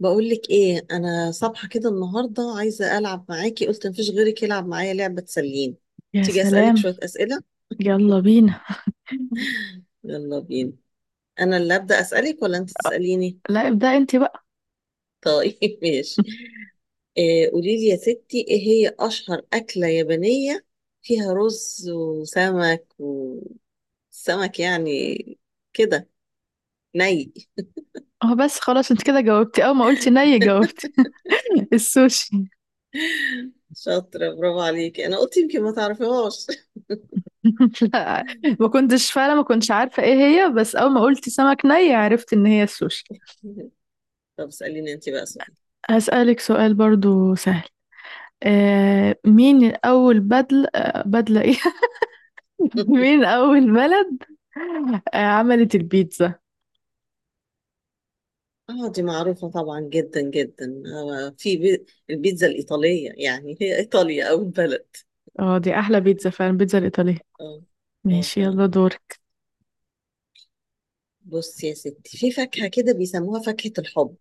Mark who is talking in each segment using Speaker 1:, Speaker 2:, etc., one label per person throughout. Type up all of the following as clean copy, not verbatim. Speaker 1: بقولك ايه، انا صبحة كده النهاردة عايزة العب معاكي. قلت مفيش غيرك يلعب معايا لعبة تسليني.
Speaker 2: يا
Speaker 1: تيجي اسألك
Speaker 2: سلام،
Speaker 1: شوية اسئلة.
Speaker 2: يلا بينا.
Speaker 1: يلا بينا. انا اللي ابدأ اسألك ولا انت تسأليني؟
Speaker 2: لا، ابدأ انت بقى.
Speaker 1: طيب ماشي. إيه، قولي لي يا ستي، ايه هي اشهر اكلة يابانية؟ فيها رز وسمك، وسمك يعني كده، ني.
Speaker 2: اه بس خلاص انت كده جاوبتي، اول ما قلتي ني جاوبتي. السوشي.
Speaker 1: شاطرة، برافو عليكي، انا قلت يمكن ما تعرفيهاش.
Speaker 2: لا، ما كنتش فعلا ما كنتش عارفة ايه هي، بس اول ما قلتي سمك ني عرفت ان هي السوشي.
Speaker 1: طب اسأليني انت بقى سؤال.
Speaker 2: هسألك سؤال برضو سهل. آه مين اول بدل آه بدلة ايه مين اول بلد عملت البيتزا؟
Speaker 1: اه دي معروفة طبعا جدا جدا، البيتزا الإيطالية، يعني هي إيطاليا أو البلد.
Speaker 2: اه دي احلى بيتزا فعلا، البيتزا الايطالية.
Speaker 1: اه، اه
Speaker 2: ماشي يلا
Speaker 1: فعلا.
Speaker 2: دورك.
Speaker 1: بص يا ستي، في فاكهة كده بيسموها فاكهة الحب،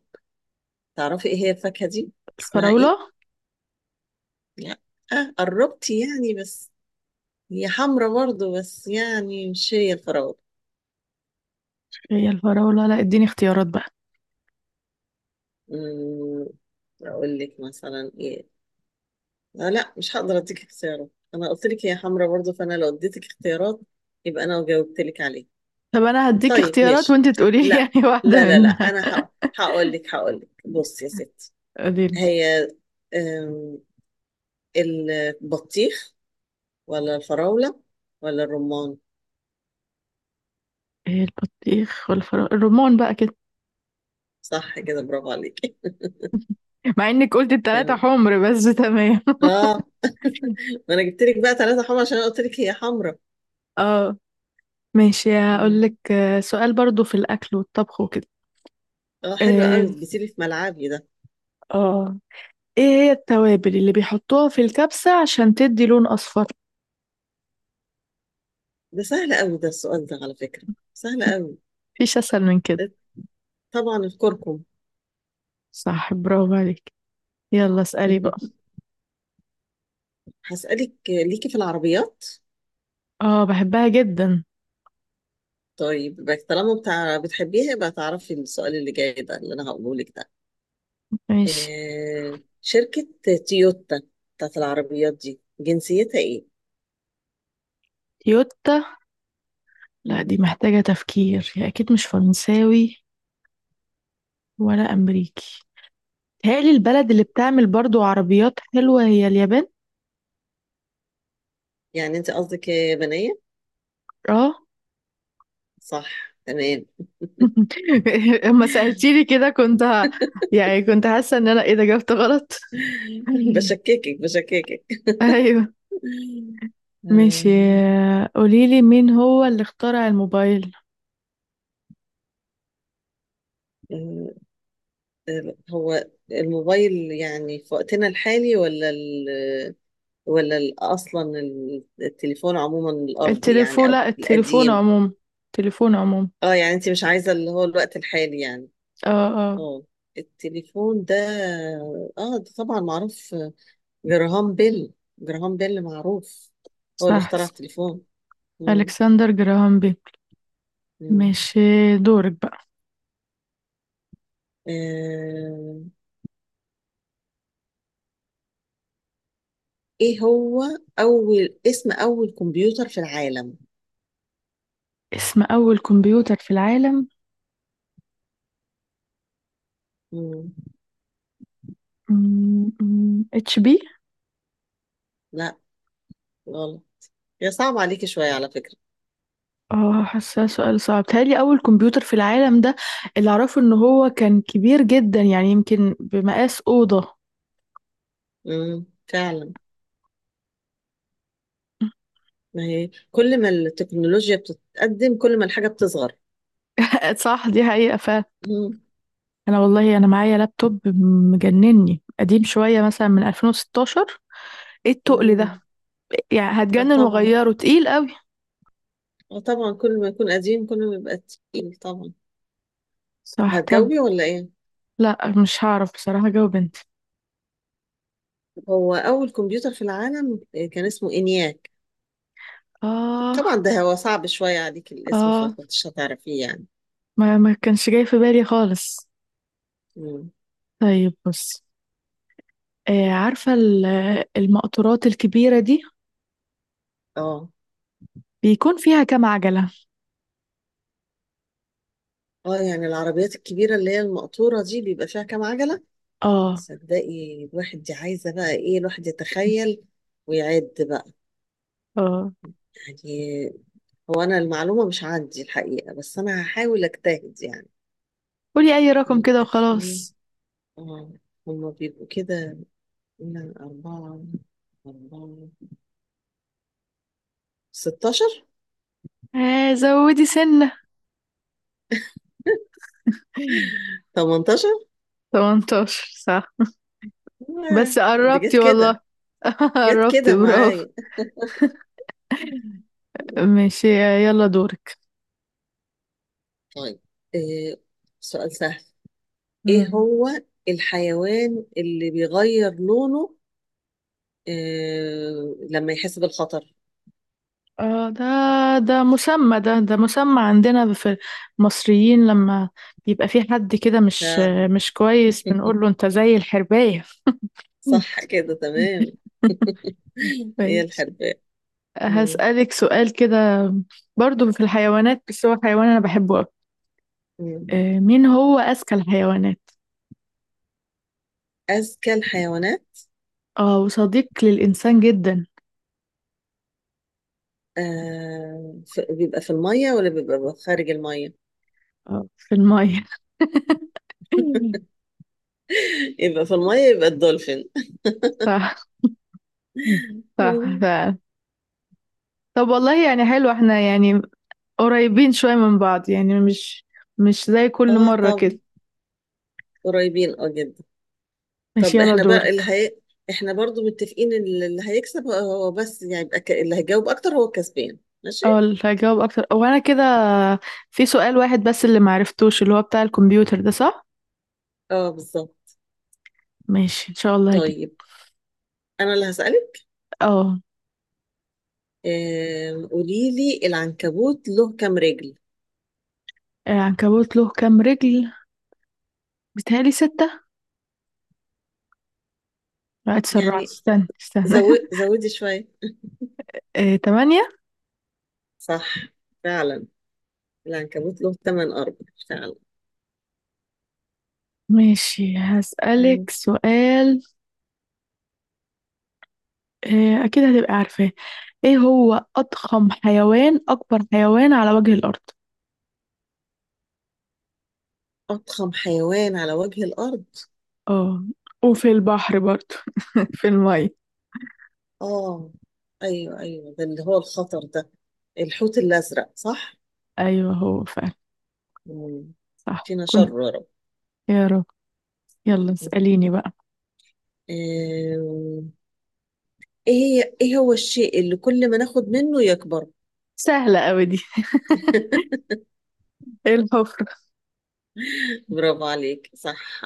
Speaker 1: تعرفي ايه هي الفاكهة دي؟ اسمها ايه؟
Speaker 2: الفراولة.
Speaker 1: لا. آه، قربتي يعني بس، هي حمرا برضو بس يعني مش هي الفراولة.
Speaker 2: هي الفراولة؟ لا، اديني اختيارات بقى.
Speaker 1: أمم، أقول لك مثلا ايه؟ لا، مش هقدر اديك اختيارات، أنا قلت لك هي حمرا برضو، فأنا لو اديتك اختيارات يبقى أنا جاوبت لك عليها.
Speaker 2: طب انا هديك
Speaker 1: طيب
Speaker 2: اختيارات
Speaker 1: ماشي.
Speaker 2: وانت تقولي لي
Speaker 1: لا
Speaker 2: واحده
Speaker 1: لا لا لا
Speaker 2: منها.
Speaker 1: انا. هقول لك بص يا ستي،
Speaker 2: قولي لي.
Speaker 1: هي أم، البطيخ ولا الفراولة ولا الرمان.
Speaker 2: ايه، البطيخ والفراوله الرمان بقى كده،
Speaker 1: صح كده، برافو عليك.
Speaker 2: مع انك قلت التلاته
Speaker 1: تمام.
Speaker 2: حمر، بس تمام.
Speaker 1: اه ما انا جبت لك بقى ثلاثة حمرا عشان انا قلت لك هي حمرا.
Speaker 2: اه. ماشي، هقول
Speaker 1: مم.
Speaker 2: لك، سؤال برضو في الاكل والطبخ وكده.
Speaker 1: اه حلو
Speaker 2: اه.
Speaker 1: قوي، جيتي لي في ملعبي ده.
Speaker 2: آه. ايه هي التوابل اللي بيحطوها في الكبسه عشان تدي لون اصفر؟
Speaker 1: ده سهل قوي ده السؤال ده على فكرة، سهل قوي.
Speaker 2: مفيش اسهل من كده.
Speaker 1: طبعا الكركم.
Speaker 2: صح برافو عليك. يلا اسالي بقى.
Speaker 1: هسألك ليكي في العربيات.
Speaker 2: اه بحبها جدا.
Speaker 1: طيب يبقى طالما بتاع بتحبيها، يبقى تعرفي السؤال اللي جاي ده اللي انا هقوله لك ده.
Speaker 2: ماشي.
Speaker 1: آه، شركة تويوتا بتاعت العربيات دي جنسيتها ايه؟
Speaker 2: يوتا. لا، دي
Speaker 1: مم.
Speaker 2: محتاجه تفكير. هي اكيد مش فرنساوي ولا امريكي. تهيألي البلد اللي بتعمل برضو عربيات حلوة هي اليابان.
Speaker 1: يعني انت قصدك يابانية؟
Speaker 2: اه.
Speaker 1: صح تمام.
Speaker 2: اما سألتيني كده كنت يعني كنت حاسة ان انا ايه ده، جاوبت غلط.
Speaker 1: بشككك بشككك.
Speaker 2: ايوه. ماشي.
Speaker 1: آم،
Speaker 2: قوليلي مين هو اللي اخترع الموبايل؟
Speaker 1: آه، هو الموبايل يعني في وقتنا الحالي ولا ال ولا ال- اصلا التليفون عموما الارضي يعني
Speaker 2: التليفون،
Speaker 1: او
Speaker 2: لا التليفون
Speaker 1: القديم.
Speaker 2: عموما، التليفون عموما.
Speaker 1: اه يعني انت مش عايزة اللي هو الوقت الحالي يعني.
Speaker 2: اه. اه
Speaker 1: اه، التليفون ده، اه ده طبعا معروف، جراهام بيل. جراهام بيل معروف، هو اللي
Speaker 2: صح
Speaker 1: اخترع
Speaker 2: صح.
Speaker 1: التليفون. مم.
Speaker 2: الكسندر جراهام بيل.
Speaker 1: مم.
Speaker 2: ماشي، دورك بقى.
Speaker 1: آه. ايه هو اول كمبيوتر في العالم؟
Speaker 2: اسم اول كمبيوتر في العالم؟
Speaker 1: مم.
Speaker 2: اتش بي.
Speaker 1: لا، غلط. هي صعب عليكي شوية على فكرة.
Speaker 2: اه حاساه سؤال صعب، تهيألي أول كمبيوتر في العالم ده اللي أعرفه إن هو كان كبير جدا، يعني يمكن بمقاس أوضة.
Speaker 1: مم. فعلا. ما هي كل ما التكنولوجيا بتتقدم كل ما الحاجة بتصغر.
Speaker 2: صح دي حقيقة فعلا.
Speaker 1: مم.
Speaker 2: أنا والله أنا معايا لابتوب مجنني، قديم شوية مثلا من 2016. إيه التقل ده؟
Speaker 1: مم.
Speaker 2: يعني
Speaker 1: اه
Speaker 2: هتجنن،
Speaker 1: طبعا.
Speaker 2: وأغيره تقيل قوي.
Speaker 1: اه طبعا، كل ما يكون قديم كل ما يبقى تقيل طبعا.
Speaker 2: صح. طب
Speaker 1: هتجاوبي ولا ايه؟
Speaker 2: لا، مش هعرف بصراحة أجاوب أنت.
Speaker 1: هو اول كمبيوتر في العالم كان اسمه انياك. طبعا
Speaker 2: آه.
Speaker 1: ده هو صعب شويه عليك الاسم،
Speaker 2: آه.
Speaker 1: فكنتش هتعرفيه يعني.
Speaker 2: ما كانش جاي في بالي خالص.
Speaker 1: مم.
Speaker 2: طيب بص، عارفة المقطورات الكبيرة دي
Speaker 1: اه.
Speaker 2: بيكون فيها كام عجلة؟
Speaker 1: اه يعني العربيات الكبيره اللي هي المقطوره دي بيبقى فيها كام عجله؟
Speaker 2: اه.
Speaker 1: صدقي الواحد دي عايزه بقى ايه، الواحد يتخيل ويعد بقى
Speaker 2: اه
Speaker 1: يعني. هو انا المعلومه مش عندي الحقيقه، بس انا هحاول اجتهد يعني.
Speaker 2: قولي اي رقم كده
Speaker 1: بيبقى فيه،
Speaker 2: وخلاص.
Speaker 1: اه، هما بيبقوا كده، لا أربعة، أربعة، 16،
Speaker 2: آه زودي سنة.
Speaker 1: 18.
Speaker 2: 18 صح. بس
Speaker 1: دي جت
Speaker 2: قربتي
Speaker 1: كده،
Speaker 2: والله.
Speaker 1: جت
Speaker 2: قربتي
Speaker 1: كده
Speaker 2: برافو.
Speaker 1: معايا.
Speaker 2: ماشي يلا دورك.
Speaker 1: طيب، آه، سؤال سهل. إيه
Speaker 2: مم.
Speaker 1: هو الحيوان اللي بيغير لونه لما يحس بالخطر؟
Speaker 2: اه ده، ده مسمى عندنا في المصريين، لما يبقى في حد كده
Speaker 1: فعلا.
Speaker 2: مش كويس بنقول له انت زي الحرباية.
Speaker 1: صح كده تمام. هي
Speaker 2: ماشي.
Speaker 1: الحرباء. مم.
Speaker 2: هسألك سؤال كده برضو في الحيوانات، بس هو حيوان انا بحبه.
Speaker 1: مم.
Speaker 2: آه، مين هو أذكى الحيوانات؟
Speaker 1: أذكى الحيوانات.
Speaker 2: اه، وصديق للإنسان جدا.
Speaker 1: بيبقى في المية ولا بيبقى خارج المية؟
Speaker 2: آه، في المية.
Speaker 1: يبقى في المية، يبقى الدولفين.
Speaker 2: صح صح
Speaker 1: مم.
Speaker 2: فعلا. طب والله يعني حلو، احنا يعني قريبين شوية من بعض، يعني مش زي كل
Speaker 1: اه
Speaker 2: مرة
Speaker 1: طب،
Speaker 2: كده.
Speaker 1: قريبين اه جدا.
Speaker 2: ماشي
Speaker 1: طب
Speaker 2: يلا
Speaker 1: احنا بقى اللي
Speaker 2: دورك.
Speaker 1: هي... احنا برضو متفقين ان اللي هيكسب هو، بس يعني يبقى اللي هيجاوب اكتر هو الكسبان. ماشي.
Speaker 2: اه اللي هجاوب أكتر هو أنا كده. في سؤال واحد بس اللي معرفتوش، اللي هو بتاع الكمبيوتر ده، صح؟
Speaker 1: اه بالظبط.
Speaker 2: ماشي إن شاء الله هجيب.
Speaker 1: طيب انا اللي هسألك.
Speaker 2: اه.
Speaker 1: آه... قولي لي العنكبوت له كام رجل؟
Speaker 2: العنكبوت له كام رجل؟ بيتهيألي ستة؟ لا اتسرعت،
Speaker 1: يعني
Speaker 2: استنى
Speaker 1: زودي شوية.
Speaker 2: آه، تمانية.
Speaker 1: صح فعلا، العنكبوت له ثمان ارجل فعلا.
Speaker 2: ماشي.
Speaker 1: مم.
Speaker 2: هسألك سؤال. آه، أكيد هتبقى عارفاه. إيه هو أضخم حيوان، أكبر حيوان على وجه الأرض؟
Speaker 1: اضخم حيوان على وجه الارض.
Speaker 2: اه وفي البحر برضه، في المية.
Speaker 1: اه ايوه ايوه، ده اللي هو الخطر ده، الحوت الازرق صح.
Speaker 2: أيوه هو فعلا.
Speaker 1: مم.
Speaker 2: صح
Speaker 1: فينا
Speaker 2: كنت.
Speaker 1: شر يا رب.
Speaker 2: يا رب. يلا
Speaker 1: آه،
Speaker 2: اسأليني بقى.
Speaker 1: ايه ايه هو الشيء اللي كل ما ناخد منه يكبر؟
Speaker 2: سهلة أوي دي. إيه، الحفرة.
Speaker 1: برافو عليك، صح.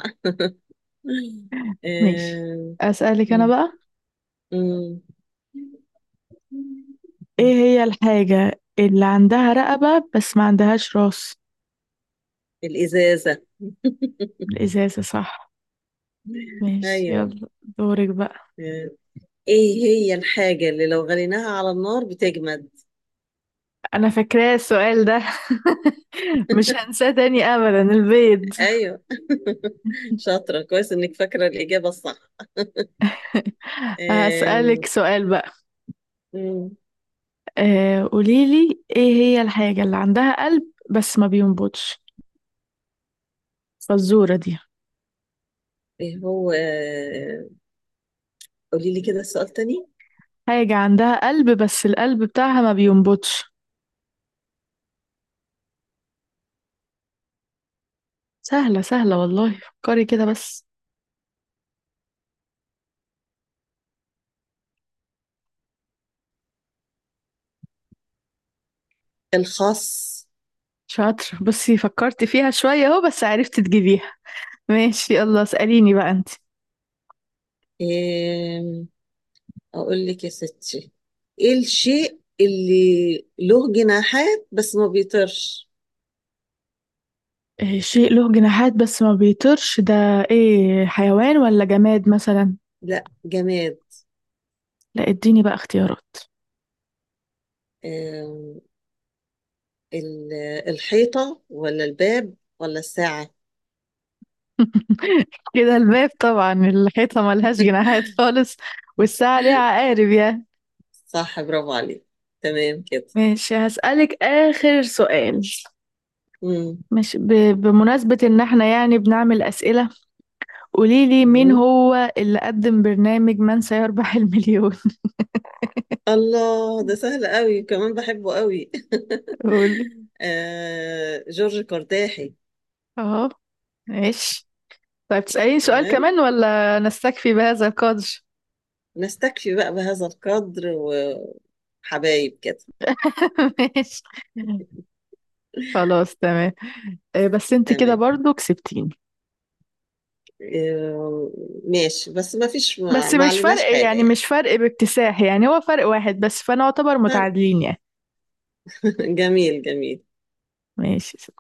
Speaker 2: ماشي.
Speaker 1: آه،
Speaker 2: أسألك أنا
Speaker 1: مم.
Speaker 2: بقى.
Speaker 1: مم.
Speaker 2: إيه هي الحاجة اللي عندها رقبة بس ما عندهاش راس؟
Speaker 1: الإزازة.
Speaker 2: الإزازة صح. ماشي
Speaker 1: ايوه.
Speaker 2: يلا دورك بقى.
Speaker 1: آه، ايه هي الحاجة اللي لو غليناها على النار بتجمد؟
Speaker 2: انا فاكراه السؤال ده. مش هنساه تاني ابدا، البيض.
Speaker 1: ايوه شاطرة، كويس انك فاكرة الإجابة الصح.
Speaker 2: هسألك
Speaker 1: آم،
Speaker 2: سؤال بقى.
Speaker 1: مم.
Speaker 2: آه، قوليلي ايه هي الحاجة اللي عندها قلب بس ما بينبضش؟ فالزورة دي.
Speaker 1: ايه هو قولي لي كده السؤال تاني.
Speaker 2: حاجة عندها قلب بس القلب بتاعها ما بينبضش. سهلة سهلة والله، فكري كده بس.
Speaker 1: الخاص.
Speaker 2: شاطرة، بصي فكرت فيها شوية اهو بس عرفت تجيبيها. ماشي يلا اسأليني بقى انت.
Speaker 1: آم، أقول لك يا ستي، إيه الشيء اللي له جناحات بس ما بيطيرش؟
Speaker 2: آه، شيء له جناحات بس ما بيطيرش ده، ايه، حيوان ولا جماد مثلا؟
Speaker 1: لا جماد.
Speaker 2: لا، اديني بقى اختيارات.
Speaker 1: آم، ال- الحيطة ولا الباب ولا الساعة؟
Speaker 2: كده الباب طبعا، الحيطة ملهاش جناحات خالص، والساعة ليها عقارب يا.
Speaker 1: صح، برافو عليك. تمام كده.
Speaker 2: ماشي هسألك آخر سؤال.
Speaker 1: مم.
Speaker 2: مش ب... بمناسبة إن احنا يعني بنعمل أسئلة، قوليلي مين
Speaker 1: مم.
Speaker 2: هو اللي قدم برنامج من سيربح المليون؟
Speaker 1: الله، ده سهل قوي كمان، بحبه قوي.
Speaker 2: قولي.
Speaker 1: آه، جورج قرداحي.
Speaker 2: اهو. ماشي. طيب تسأليني سؤال
Speaker 1: تمام.
Speaker 2: كمان، ولا نستكفي بهذا القدر؟
Speaker 1: نستكفي بقى بهذا القدر و... حبايب كده.
Speaker 2: ماشي خلاص تمام. آه، بس انت كده
Speaker 1: تمام.
Speaker 2: برضو كسبتيني.
Speaker 1: آه، ماشي، بس ما فيش، ما
Speaker 2: بس
Speaker 1: ما
Speaker 2: مش
Speaker 1: عليناش
Speaker 2: فرق
Speaker 1: حاجة
Speaker 2: يعني،
Speaker 1: يعني.
Speaker 2: مش فرق باكتساح يعني، هو فرق واحد بس، فانا اعتبر متعادلين يعني.
Speaker 1: جميل جميل.
Speaker 2: ماشي.